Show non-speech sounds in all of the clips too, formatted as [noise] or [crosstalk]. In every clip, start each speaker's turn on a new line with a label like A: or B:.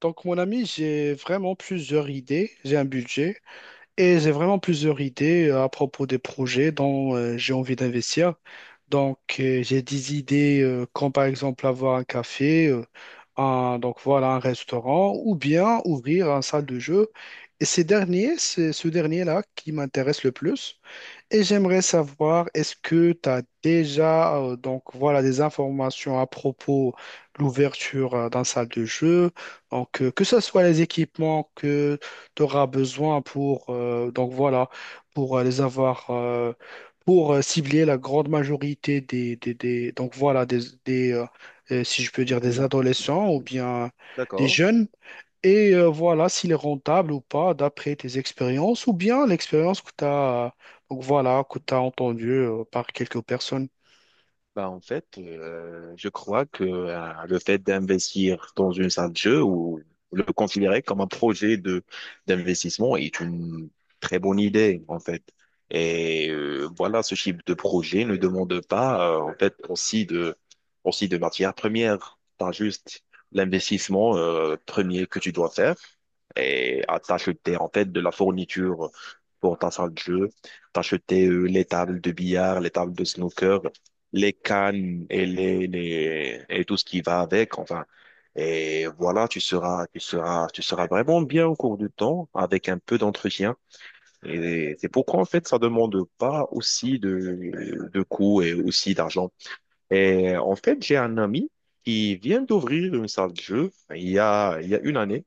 A: Donc, mon ami, j'ai vraiment plusieurs idées. J'ai un budget et j'ai vraiment plusieurs idées à propos des projets dont j'ai envie d'investir. Donc, j'ai des idées comme par exemple avoir un café, un restaurant ou bien ouvrir une salle de jeu. C'est ce dernier-là qui m'intéresse le plus. Et j'aimerais savoir, est-ce que tu as déjà des informations à propos de l'ouverture d'un salle de jeu, que ce soit les équipements que tu auras besoin pour les avoir, pour cibler la grande majorité des- donc voilà des, si je peux
B: Le
A: dire, des
B: client.
A: adolescents ou bien des
B: D'accord.
A: jeunes. Et voilà, s'il est rentable ou pas, d'après tes expériences, ou bien l'expérience que tu as, que tu as entendue par quelques personnes.
B: Bah, en fait, je crois que le fait d'investir dans une salle de jeu ou le considérer comme un projet de d'investissement est une très bonne idée, en fait. Et voilà, ce type de projet ne demande pas, en fait, aussi de matières premières. T'as juste l'investissement premier que tu dois faire et à t'acheter en fait de la fourniture pour ta salle de jeu, t'acheter les tables de billard, les tables de snooker, les cannes et les et tout ce qui va avec, enfin. Et voilà, tu seras vraiment bien au cours du temps avec un peu d'entretien. Et c'est pourquoi, en fait, ça demande pas aussi de coûts et aussi d'argent. Et en fait, j'ai un ami qui vient d'ouvrir une salle de jeu il y a 1 année.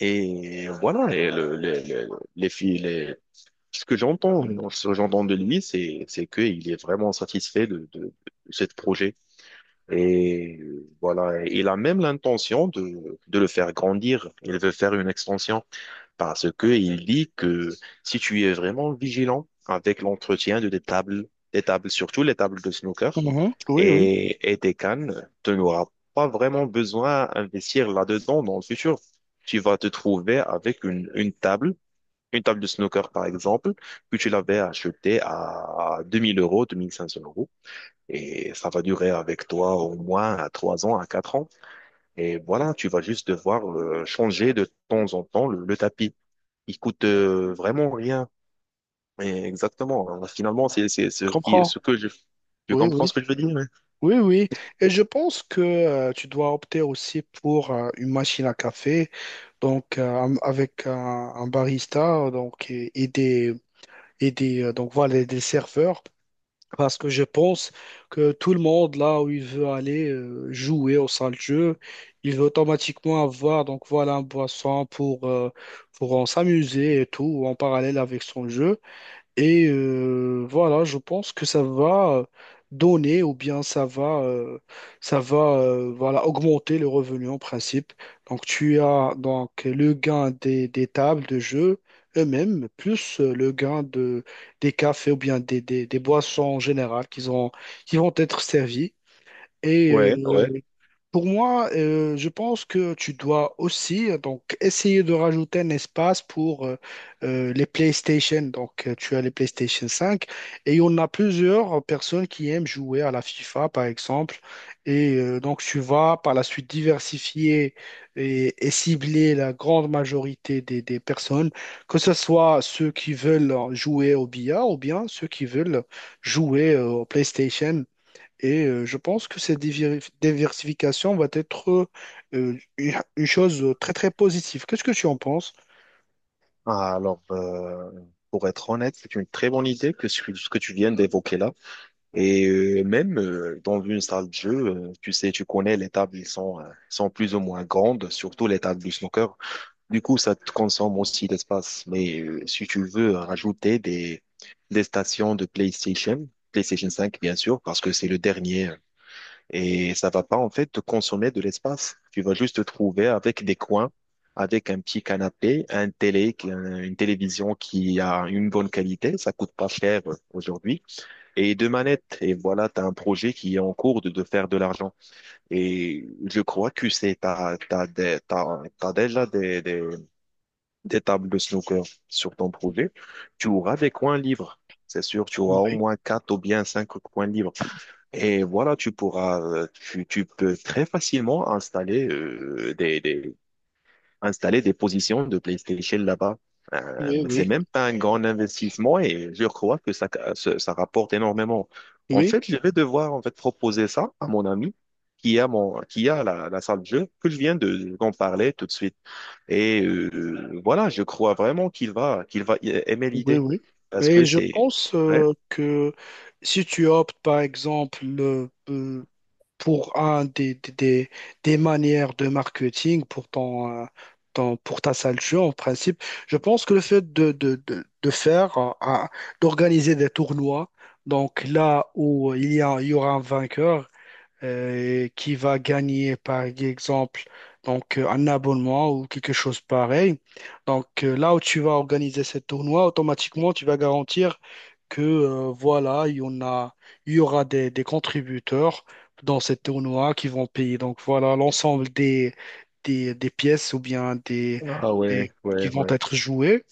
B: Et voilà, et le- les filles, les- ce que j'entends, ce que j'entends de lui, c'est qu'il est vraiment satisfait de ce projet. Et voilà, et il a même l'intention de le faire grandir. Il veut faire une extension parce que il dit que si tu es vraiment vigilant avec l'entretien de tes tables, des tables, surtout les tables de snooker,
A: Mhm. Oui, oui,
B: et tes cannes, tu n'auras pas vraiment besoin d'investir là-dedans dans le futur. Tu vas te trouver avec une table de snooker par exemple, que tu l'avais achetée à 2000 euros, 2500 euros. Et ça va durer avec toi au moins à 3 ans, à 4 ans. Et voilà, tu vas juste devoir changer de temps en temps le tapis. Il coûte vraiment rien. Et exactement, hein. Finalement, c'est ce,
A: je
B: qui-
A: comprends.
B: ce que je, tu
A: Oui,
B: comprends ce
A: oui.
B: que je veux dire? Hein.
A: Oui, oui. Et je pense que tu dois opter aussi pour une machine à café, avec un barista, donc et des donc voilà des serveurs. Parce que je pense que tout le monde, là où il veut aller jouer au sein de jeu, il veut automatiquement avoir, un boisson pour en s'amuser et tout en parallèle avec son jeu. Et voilà, je pense que ça va donner ou bien ça va voilà, augmenter le revenu en principe. Donc tu as le gain des tables de jeu eux-mêmes, plus le gain de, des cafés ou bien des boissons en général qui ont, qui vont être servies. Et
B: Ouais,
A: euh,
B: ouais.
A: pour moi, je pense que tu dois aussi essayer de rajouter un espace pour les PlayStation. Donc, tu as les PlayStation 5 et on a plusieurs personnes qui aiment jouer à la FIFA, par exemple. Et tu vas par la suite diversifier et cibler la grande majorité des personnes, que ce soit ceux qui veulent jouer au billard ou bien ceux qui veulent jouer au PlayStation. Et je pense que cette diversification va être une une chose très, très positive. Qu'est-ce que tu en penses?
B: Ah, alors, pour être honnête, c'est une très bonne idée que ce que tu viens d'évoquer là. Et même dans une salle de jeu, tu sais, tu connais les tables, ils sont, sont plus ou moins grandes, surtout les tables du snooker. Du coup, ça te consomme aussi l'espace. Mais si tu veux rajouter des stations de PlayStation, PlayStation 5, bien sûr, parce que c'est le dernier et ça va pas en fait te consommer de l'espace. Tu vas juste te trouver avec des coins, avec un petit canapé, un télé, qui- un- une télévision qui a une bonne qualité, ça coûte pas cher aujourd'hui, et deux manettes. Et voilà, tu as un projet qui est en cours de faire de l'argent. Et je crois que c'est t'as, t'as des- t'as- t'as déjà des tables de snooker sur ton projet. Tu auras des coins libres. C'est sûr, tu auras au
A: Oui,
B: moins quatre ou bien cinq coins libres. Et voilà, tu pourras, tu peux très facilement installer installer des positions de PlayStation là-bas.
A: oui,
B: Mais c'est
A: oui,
B: même pas un grand investissement et je crois que ça rapporte énormément. En
A: oui,
B: fait, je vais devoir en fait proposer ça à mon ami qui a la salle de jeu que je viens de, d'en parler tout de suite. Et voilà, je crois vraiment qu'il va aimer
A: oui,
B: l'idée
A: oui.
B: parce
A: Et
B: que
A: je
B: c'est
A: pense
B: ouais.
A: que si tu optes, par exemple, pour un des manières de marketing pour pour ta salle de jeu, en principe, je pense que le fait de faire, d'organiser des tournois, donc là où il y aura un vainqueur, qui va gagner, par exemple, un abonnement ou quelque chose pareil. Donc, là où tu vas organiser ce tournoi, automatiquement, tu vas garantir que, voilà, il y aura des contributeurs dans ce tournoi qui vont payer. Donc, voilà, l'ensemble des pièces ou bien
B: Ah ouais,
A: des,
B: ouais,
A: qui vont
B: ouais,
A: être jouées.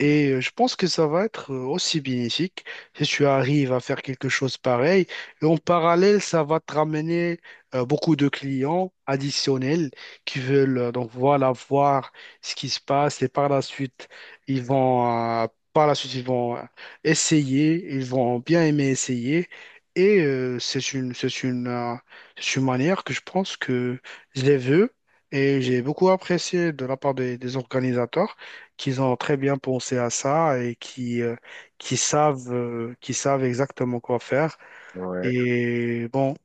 A: Et je pense que ça va être aussi bénéfique si tu arrives à faire quelque chose pareil. Et en parallèle, ça va te ramener beaucoup de clients additionnels qui veulent voir ce qui se passe et par la suite, ils vont euh, ils vont essayer, ils vont bien aimer essayer. Et c'est une manière que je pense que je les veux et j'ai beaucoup apprécié de la part des organisateurs qu'ils ont très bien pensé à ça et qui qui savent exactement quoi faire.
B: ouais.
A: Et bon,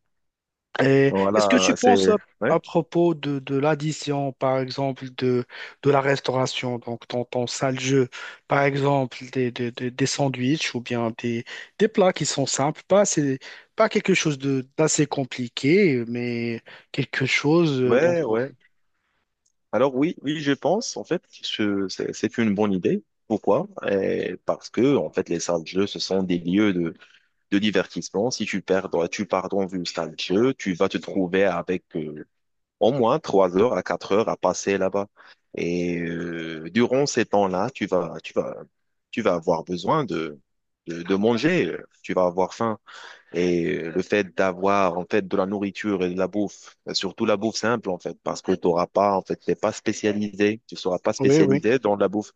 A: et est-ce que tu
B: Voilà, c'est
A: penses à
B: ouais,
A: propos de l'addition, par exemple, de la restauration, donc ton, ton sale jeu, par exemple, des sandwichs ou bien des plats qui sont simples, pas, pas quelque chose de, d'assez compliqué, mais quelque chose.
B: ouais, ouais. Alors oui, oui, je pense en fait que c'est une bonne idée. Pourquoi? Eh, parce que en fait, les salles de jeu, ce sont des lieux de divertissement. Si tu pars dans une salle de jeu, tu vas te trouver avec au moins 3 heures à 4 heures à passer là-bas. Et durant ces temps-là, tu vas avoir besoin de manger. Tu vas avoir faim. Et le fait d'avoir en fait de la nourriture et de la bouffe, surtout la bouffe simple en fait, parce que tu n'auras pas en fait, t'es pas spécialisé, tu seras pas
A: Oui, oui,
B: spécialisé dans la bouffe.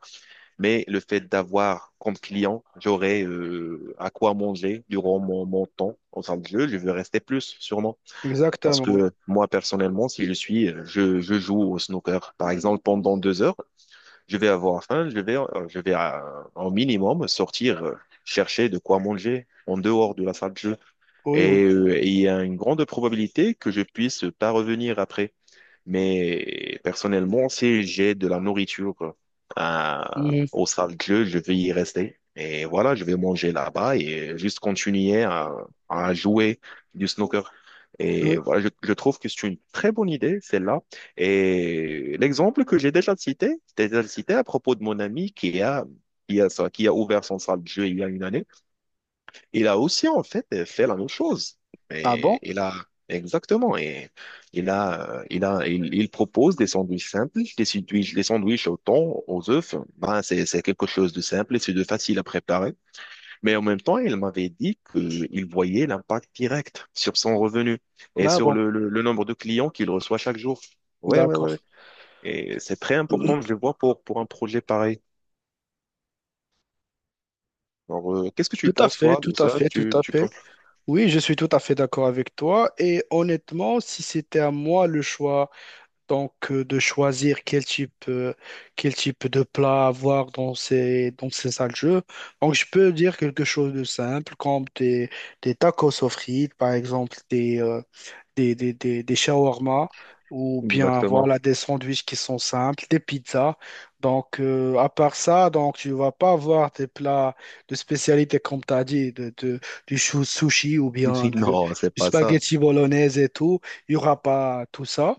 B: Mais le fait d'avoir comme client, j'aurai à quoi manger durant mon temps en salle de jeu, je veux rester plus sûrement. Parce
A: exactement, oui,
B: que moi, personnellement, si je joue au snooker, par exemple, pendant 2 heures, je vais avoir faim, je vais en minimum sortir chercher de quoi manger en dehors de la salle de jeu.
A: oui, oui.
B: Et il y a une grande probabilité que je puisse pas revenir après. Mais personnellement, si j'ai de la nourriture euh,
A: Mhm.
B: au cercle, je vais y rester. Et voilà, je vais manger là-bas et juste continuer à jouer du snooker. Et
A: Oui.
B: voilà, je trouve que c'est une très bonne idée, celle-là. Et l'exemple que j'ai déjà cité à propos de mon ami qui a ouvert son salle de jeu il y a 1 année. Il a aussi, en fait, fait la même chose.
A: Ah bon?
B: Et il a, exactement. Et il propose des sandwichs simples, des sandwichs au thon, aux œufs. Ben, c'est quelque chose de simple et c'est de facile à préparer. Mais en même temps, il m'avait dit qu'il voyait l'impact direct sur son revenu et
A: Ah
B: sur
A: bon.
B: le nombre de clients qu'il reçoit chaque jour. Ouais, ouais, ouais,
A: D'accord.
B: ouais. Et c'est très
A: Tout
B: important, je le vois, pour un projet pareil. Alors, qu'est-ce que tu
A: à
B: penses,
A: fait,
B: toi, de
A: tout à
B: ça?
A: fait, tout à
B: Tu
A: fait.
B: penses
A: Oui, je suis tout à fait d'accord avec toi. Et honnêtement, si c'était à moi le choix, de choisir quel type de plat avoir dans ces salles de jeu, donc je peux dire quelque chose de simple, comme des tacos aux frites, par exemple, des shawarma ou bien
B: exactement.
A: voilà
B: [laughs]
A: des sandwichs qui sont simples, des pizzas. Donc, à part ça, donc, tu vas pas avoir des plats de spécialité, comme tu as dit, du sushi ou bien
B: Non, c'est
A: du
B: pas ça.
A: spaghetti bolognaise et tout. Il y aura pas tout ça.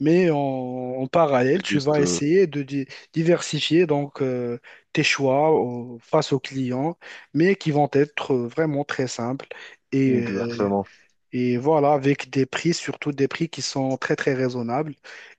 A: Mais en parallèle, tu
B: Juste,
A: vas essayer de diversifier donc, tes choix face aux clients, mais qui vont être vraiment très simples. Et
B: exactement.
A: voilà, avec des prix, surtout des prix qui sont très très raisonnables.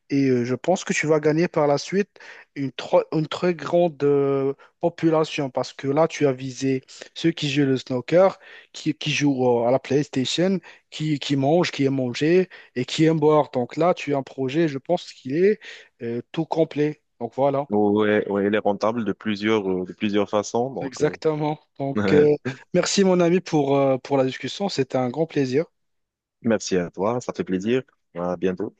A: Et je pense que tu vas gagner par la suite une, une très grande population parce que là, tu as visé ceux qui jouent le snooker, qui jouent à la PlayStation, qui mangent, qui aiment manger et qui aiment boire. Donc là, tu as un projet, je pense qu'il est tout complet. Donc voilà,
B: Ouais, ouais, elle est rentable de plusieurs façons. Donc,
A: exactement.
B: euh, [laughs]
A: Merci mon ami pour la discussion, c'était un grand plaisir.
B: merci à toi, ça fait plaisir. À bientôt.